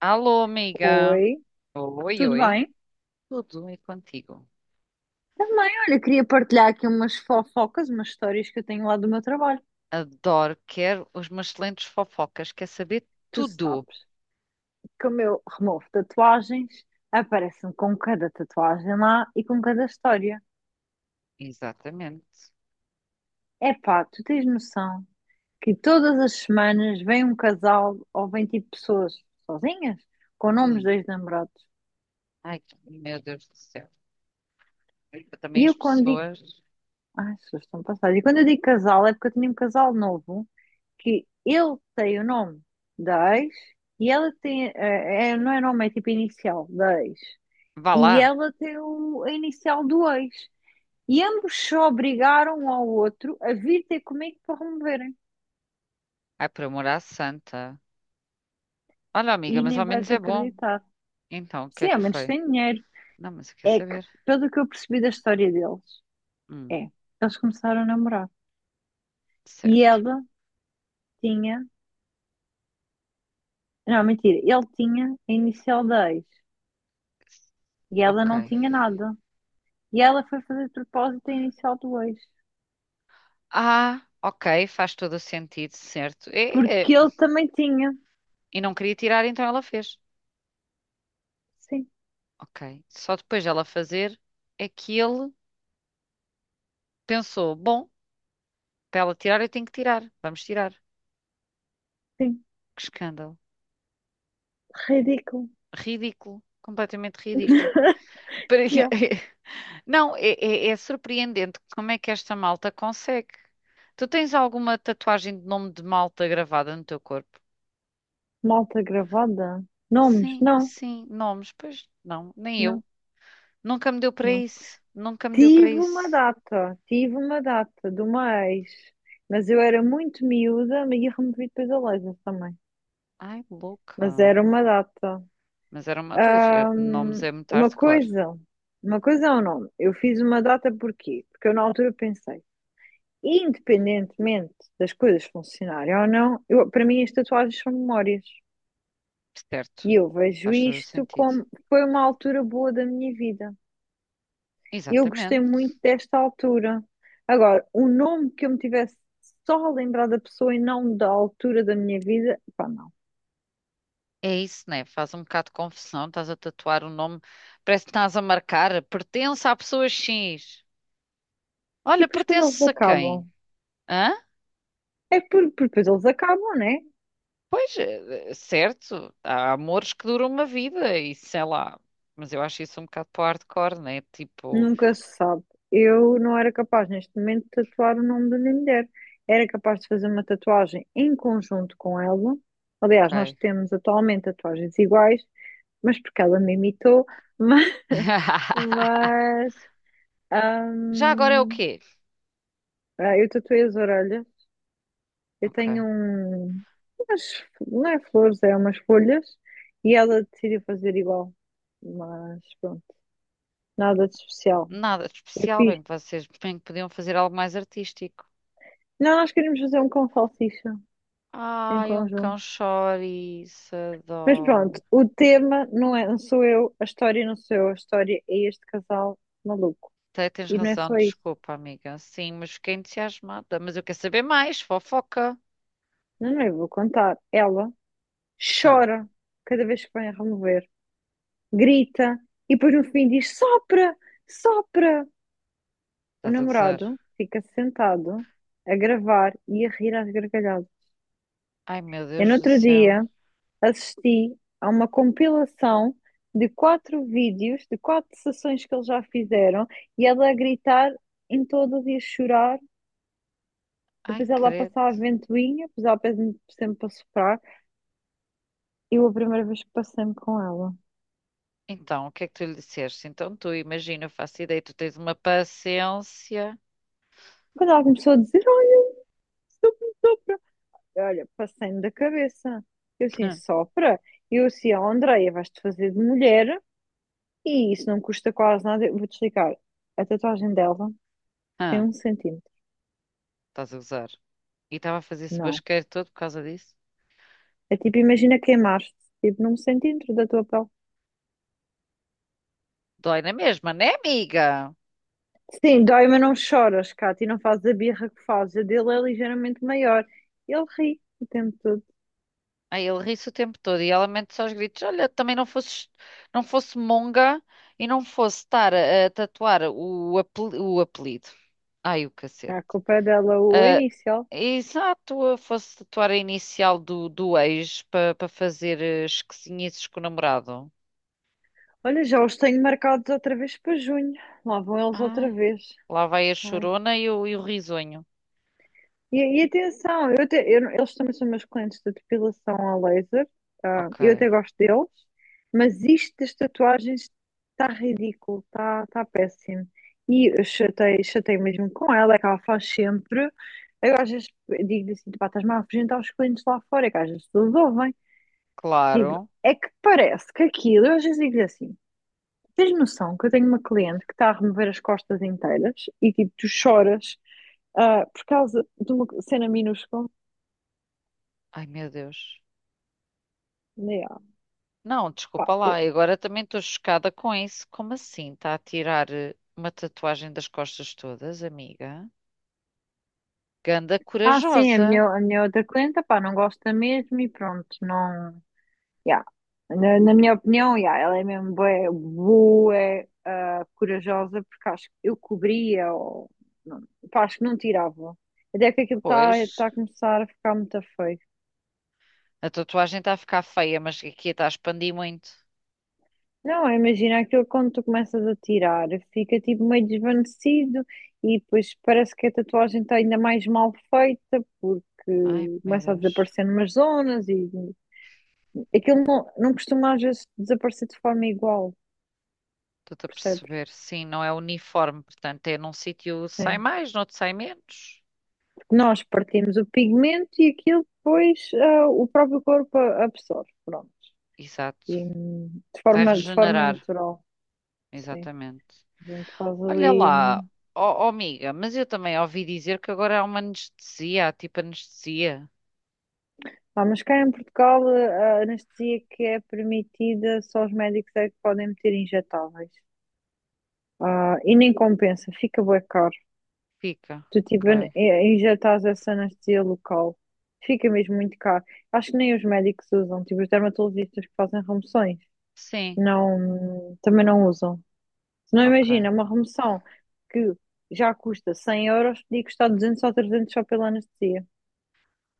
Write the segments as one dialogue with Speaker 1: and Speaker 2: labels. Speaker 1: Alô, amiga.
Speaker 2: Oi,
Speaker 1: Oi,
Speaker 2: tudo
Speaker 1: oi.
Speaker 2: bem?
Speaker 1: Tudo e contigo.
Speaker 2: Também, olha, queria partilhar aqui umas fofocas, umas histórias que eu tenho lá do meu trabalho.
Speaker 1: Adoro, quero os meus excelentes fofocas, quer saber
Speaker 2: Tu
Speaker 1: tudo.
Speaker 2: sabes que o meu removo tatuagens aparece-me com cada tatuagem lá e com cada história.
Speaker 1: Exatamente.
Speaker 2: Epá, tu tens noção que todas as semanas vem um casal ou vem tipo pessoas sozinhas com nomes
Speaker 1: Hum.
Speaker 2: de ex-namorados.
Speaker 1: Ai, meu Deus do céu. Eu também
Speaker 2: E
Speaker 1: as
Speaker 2: eu quando digo...
Speaker 1: pessoas.
Speaker 2: Ai, as pessoas estão passadas. E quando eu digo casal é porque eu tinha um casal novo que ele tem o nome da ex e ela tem, não é nome, é tipo inicial da ex.
Speaker 1: Vá
Speaker 2: E
Speaker 1: lá.
Speaker 2: ela tem o, a inicial do ex. E ambos se obrigaram um ao outro a vir ter comigo para removerem.
Speaker 1: Ai, por amor à santa. Olha, amiga,
Speaker 2: E
Speaker 1: mas
Speaker 2: nem
Speaker 1: ao
Speaker 2: vais
Speaker 1: menos é bom.
Speaker 2: acreditar.
Speaker 1: Então, o que é
Speaker 2: Sim, ao
Speaker 1: que
Speaker 2: menos
Speaker 1: foi?
Speaker 2: tem dinheiro.
Speaker 1: Não, mas eu quero
Speaker 2: É que,
Speaker 1: saber.
Speaker 2: pelo que eu percebi da história deles,
Speaker 1: Hum,
Speaker 2: é, eles começaram a namorar. E
Speaker 1: certo.
Speaker 2: ela tinha, não, mentira, ele tinha a inicial da ex. E ela não
Speaker 1: Ok.
Speaker 2: tinha nada. E ela foi fazer de propósito a inicial do ex.
Speaker 1: Ah, ok, faz todo o sentido, certo. É, é.
Speaker 2: Porque ele também tinha.
Speaker 1: E não queria tirar, então ela fez.
Speaker 2: Sim,
Speaker 1: Ok. Só depois dela fazer é que ele pensou: bom, para ela tirar, eu tenho que tirar. Vamos tirar.
Speaker 2: sim.
Speaker 1: Que escândalo.
Speaker 2: Ridículo.
Speaker 1: Ridículo. Completamente ridículo. Para-
Speaker 2: Que é?
Speaker 1: Não, é, é- é surpreendente como é que esta malta consegue. Tu tens alguma tatuagem de nome de malta gravada no teu corpo?
Speaker 2: Malta gravada. Nomes?
Speaker 1: Sim,
Speaker 2: Não,
Speaker 1: sim, nomes. Pois não, nem eu.
Speaker 2: não,
Speaker 1: Nunca me deu para
Speaker 2: não.
Speaker 1: isso. Nunca me deu para
Speaker 2: Tive uma
Speaker 1: isso.
Speaker 2: data, tive uma data de uma ex, mas eu era muito miúda e removi depois a laser também.
Speaker 1: Ai,
Speaker 2: Mas
Speaker 1: louca.
Speaker 2: era uma data.
Speaker 1: Mas era uma. Pois, nomes
Speaker 2: Ahm,
Speaker 1: é muito
Speaker 2: uma
Speaker 1: hardcore.
Speaker 2: coisa, uma coisa é um nome. Eu fiz uma data porquê? Porque eu na altura pensei, independentemente das coisas funcionarem ou não, para mim as tatuagens são memórias.
Speaker 1: Certo.
Speaker 2: E eu vejo
Speaker 1: Faz todo o
Speaker 2: isto
Speaker 1: sentido.
Speaker 2: como foi uma altura boa da minha vida. Eu gostei
Speaker 1: Exatamente.
Speaker 2: muito desta altura. Agora, o nome que eu me tivesse só a lembrar da pessoa e não da altura da minha vida, pá, não.
Speaker 1: É isso, né? Faz um bocado de confusão. Estás a tatuar o nome. Parece que estás a marcar. Pertence à pessoa X.
Speaker 2: E
Speaker 1: Olha,
Speaker 2: depois quando eles
Speaker 1: pertence a quem?
Speaker 2: acabam,
Speaker 1: Hã?
Speaker 2: depois eles acabam, né?
Speaker 1: Pois, certo. Há amores que duram uma vida e sei lá. Mas eu acho isso um bocado para o hardcore, né? Tipo,
Speaker 2: Nunca se sabe. Eu não era capaz neste momento de tatuar o nome da minha mulher. Era capaz de fazer uma tatuagem em conjunto com ela. Aliás, nós
Speaker 1: ok.
Speaker 2: temos atualmente tatuagens iguais mas porque ela me imitou, mas, mas
Speaker 1: Já agora é o
Speaker 2: hum,
Speaker 1: quê?
Speaker 2: eu tatuei as orelhas. Eu
Speaker 1: Ok.
Speaker 2: tenho um, umas, não é flores, é umas folhas, e ela decidiu fazer igual, mas pronto, nada de especial.
Speaker 1: Nada de
Speaker 2: Eu
Speaker 1: especial.
Speaker 2: fiz.
Speaker 1: Bem que vocês bem que podiam fazer algo mais artístico.
Speaker 2: Não, nós queríamos fazer um com salsicha em
Speaker 1: Ai, um
Speaker 2: conjunto.
Speaker 1: cão chouriço.
Speaker 2: Mas pronto,
Speaker 1: Adoro.
Speaker 2: o tema não é, não sou eu, a história não sou eu, a história é este casal maluco.
Speaker 1: Tens
Speaker 2: E não é
Speaker 1: razão,
Speaker 2: só isso.
Speaker 1: desculpa, amiga. Sim, mas fiquei entusiasmada. Mas eu quero saber mais, fofoca.
Speaker 2: Não, não, eu vou contar. Ela
Speaker 1: Hã,
Speaker 2: chora cada vez que vai a remover, grita e depois no fim diz: sopra, sopra. O
Speaker 1: estás a gozar?
Speaker 2: namorado fica sentado a gravar e a rir às gargalhadas.
Speaker 1: Ai, meu
Speaker 2: Eu, no
Speaker 1: Deus do
Speaker 2: outro
Speaker 1: céu.
Speaker 2: dia, assisti a uma compilação de quatro vídeos, de quatro sessões que eles já fizeram e ela a gritar em todas e a chorar.
Speaker 1: Ai,
Speaker 2: Depois ela a
Speaker 1: credo.
Speaker 2: passar a ventoinha, depois ela pede-me sempre para soprar. Eu, a primeira vez que passei-me com ela,
Speaker 1: Então, o que é que tu lhe disseste? Então, tu imagina, eu faço ideia, tu tens uma paciência.
Speaker 2: quando ela começou a dizer: Olha, passei-me da cabeça. Eu assim,
Speaker 1: Hã,
Speaker 2: sopra. Eu assim, ó, Andreia, vais-te fazer de mulher e isso não custa quase nada. Eu vou-te explicar. A tatuagem dela tem
Speaker 1: hã,
Speaker 2: 1 cm.
Speaker 1: estás a gozar. E estava a fazer esse
Speaker 2: Não.
Speaker 1: basqueiro todo por causa disso.
Speaker 2: É tipo, imagina queimar-te, tipo, num centímetro da tua pele.
Speaker 1: Dói na mesma, né, amiga?
Speaker 2: Sim, dói, mas não choras, Cátia, e não fazes a birra que fazes. A dele é ligeiramente maior. Ele ri o tempo todo.
Speaker 1: Aí ele ri-se o tempo todo e ela mente só os gritos: Olha, também não fosse, não fosse monga e não fosse estar a tatuar o apelido. Ai, o
Speaker 2: Ah,
Speaker 1: cacete.
Speaker 2: a culpa é dela, o
Speaker 1: Ah,
Speaker 2: inicial.
Speaker 1: exato, eu fosse tatuar a inicial do ex para fazer esquisinices com o namorado.
Speaker 2: Olha, já os tenho marcados outra vez para junho. Lá vão eles outra
Speaker 1: Ai,
Speaker 2: vez.
Speaker 1: lá vai a chorona e o risonho.
Speaker 2: E atenção, eles também são meus clientes de depilação a laser.
Speaker 1: Ok,
Speaker 2: Eu até gosto deles, mas isto das tatuagens está ridículo, está péssimo. E eu chatei, chatei mesmo com ela, é que ela faz sempre. Eu às vezes digo-lhe assim, pá, estás-me a apresentar os clientes lá fora, é que às vezes eles ouvem. Tipo,
Speaker 1: claro.
Speaker 2: é que parece que aquilo, eu às vezes digo-lhe assim, tens noção que eu tenho uma cliente que está a remover as costas inteiras e tipo, tu choras por causa de uma cena minúscula.
Speaker 1: Ai, meu Deus.
Speaker 2: Yeah,
Speaker 1: Não,
Speaker 2: pá.
Speaker 1: desculpa lá, eu agora também estou chocada com isso. Como assim? Está a tirar uma tatuagem das costas todas, amiga? Ganda
Speaker 2: Ah, sim,
Speaker 1: corajosa.
Speaker 2: a minha outra cliente, pá, não gosta mesmo e pronto, não. Yeah. Na minha opinião, yeah, ela é mesmo bué, bué, corajosa, porque acho que eu cobria, ou, não, pá, acho que não tirava. Até que aquilo está
Speaker 1: Pois,
Speaker 2: tá tá a começar a ficar muito feio.
Speaker 1: a tatuagem está a ficar feia, mas aqui está a expandir muito.
Speaker 2: Não, imagina aquilo quando tu começas a tirar, fica tipo meio desvanecido e depois parece que a tatuagem está ainda mais mal feita
Speaker 1: Ai,
Speaker 2: porque
Speaker 1: meu
Speaker 2: começa a
Speaker 1: Deus.
Speaker 2: desaparecer numas zonas e aquilo não, não costuma às vezes desaparecer de forma igual,
Speaker 1: Estou-te a
Speaker 2: percebes?
Speaker 1: perceber. Sim, não é uniforme, portanto, é num sítio sai
Speaker 2: Sim.
Speaker 1: mais, noutro sai menos.
Speaker 2: Porque nós partimos o pigmento e aquilo depois o próprio corpo absorve, pronto.
Speaker 1: Exato.
Speaker 2: E, de
Speaker 1: Vai
Speaker 2: forma, de forma
Speaker 1: regenerar,
Speaker 2: natural, sim.
Speaker 1: exatamente.
Speaker 2: A gente faz
Speaker 1: Olha
Speaker 2: ali.
Speaker 1: lá,
Speaker 2: Hum.
Speaker 1: ó ó, amiga, mas eu também ouvi dizer que agora há uma anestesia, há tipo anestesia.
Speaker 2: Ah, mas cá em Portugal a anestesia que é permitida, só os médicos é que podem meter injetáveis. Ah, e nem compensa, fica bué caro.
Speaker 1: Fica,
Speaker 2: Tu tipo
Speaker 1: ok.
Speaker 2: injetas essa anestesia local. Fica mesmo muito caro. Acho que nem os médicos usam, tipo os dermatologistas que fazem remoções,
Speaker 1: Sim,
Speaker 2: não, também não usam. Se não
Speaker 1: ok.
Speaker 2: imagina, uma remoção que já custa 100 euros, podia custar 200 ou 300 só pela anestesia.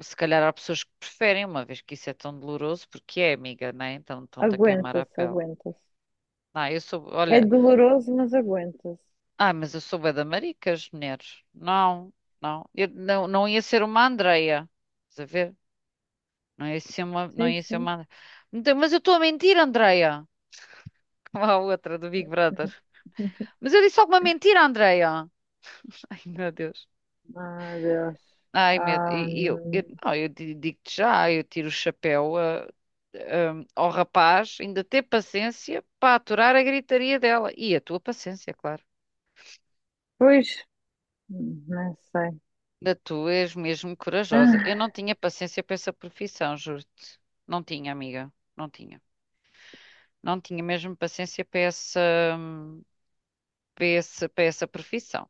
Speaker 1: Se calhar há pessoas que preferem, uma vez que isso é tão doloroso, porque é, amiga, né? Então estão-te a queimar a
Speaker 2: Aguenta-se,
Speaker 1: pele.
Speaker 2: aguenta-se.
Speaker 1: Não, eu sou,
Speaker 2: É
Speaker 1: olha,
Speaker 2: doloroso, mas aguenta-se.
Speaker 1: ah, mas eu sou bué da maricas, mulheres. Não, não. Eu não, não ia ser uma Andreia. Estás a ver? Não ia ser uma, não
Speaker 2: Sim,
Speaker 1: ia ser
Speaker 2: sim.
Speaker 1: uma Andreia. Então, mas eu estou a mentir, Andreia. Como a outra do Big Brother. Mas eu disse alguma mentira, Andreia? Ai, meu Deus.
Speaker 2: Ah, Deus.
Speaker 1: Ai, meu
Speaker 2: Ah,
Speaker 1: e Eu, não, digo-te já, eu tiro o chapéu ao rapaz, ainda ter paciência para aturar a gritaria dela. E a tua paciência, claro.
Speaker 2: pois, não sei.
Speaker 1: Da tu és mesmo corajosa. Eu
Speaker 2: Ah,
Speaker 1: não tinha paciência para essa profissão, juro-te. Não tinha, amiga. Não tinha. Não tinha mesmo paciência para essa, hum, para para essa profissão.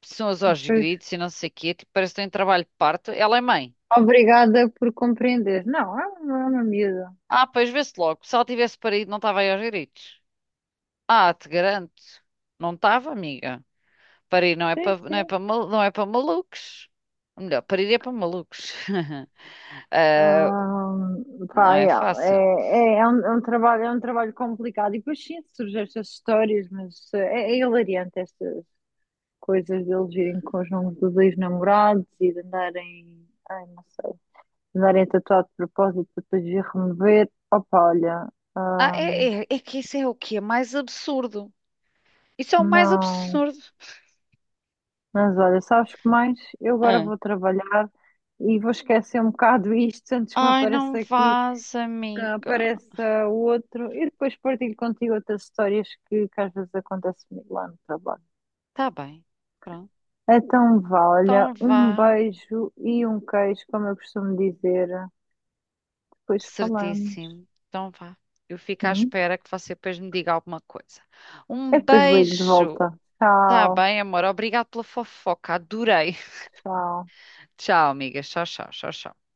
Speaker 1: Pessoas aos
Speaker 2: pois.
Speaker 1: gritos e não sei o quê. Tipo, parece que tem um trabalho de parto. Ela é mãe.
Speaker 2: Obrigada por compreender. Não, é uma miúda.
Speaker 1: Ah, pois vê-se logo. Se ela tivesse parido, não estava aí aos gritos. Ah, te garanto. Não estava, amiga. Parir não é
Speaker 2: Sim,
Speaker 1: não é
Speaker 2: sim.
Speaker 1: não é para malucos. Ou melhor, parir é para malucos. Ah,
Speaker 2: Ahm,
Speaker 1: não
Speaker 2: pá,
Speaker 1: é
Speaker 2: yeah,
Speaker 1: fácil.
Speaker 2: é um trabalho complicado. E depois sim, surgem estas histórias, mas é hilariante estas coisas deles irem com os nomes dos ex-namorados e de andarem, ai, não sei, de andarem tatuado de propósito para depois vir remover. Opa, olha,
Speaker 1: Ah,
Speaker 2: ahm,
Speaker 1: é que isso é o que é mais absurdo. Isso é o mais
Speaker 2: não.
Speaker 1: absurdo.
Speaker 2: Mas olha, sabes que mais? Eu agora
Speaker 1: Ah.
Speaker 2: vou trabalhar e vou esquecer um bocado isto antes que me
Speaker 1: Ai, não
Speaker 2: apareça aqui
Speaker 1: vás,
Speaker 2: que
Speaker 1: amiga.
Speaker 2: apareça o outro e depois partilho contigo outras histórias que às vezes acontece comigo lá no trabalho.
Speaker 1: Tá bem. Pronto.
Speaker 2: Então, vá, olha,
Speaker 1: Então
Speaker 2: um
Speaker 1: vá.
Speaker 2: beijo e um queijo, como eu costumo dizer. Depois falamos.
Speaker 1: Certíssimo. Então vá. Eu fico à
Speaker 2: Sim.
Speaker 1: espera que você depois me diga alguma coisa. Um
Speaker 2: Eu depois ligo de
Speaker 1: beijo.
Speaker 2: volta.
Speaker 1: Tá
Speaker 2: Tchau,
Speaker 1: bem, amor. Obrigado pela fofoca. Adorei.
Speaker 2: tchau.
Speaker 1: Tchau, amigas. Tchau, tchau, tchau, tchau.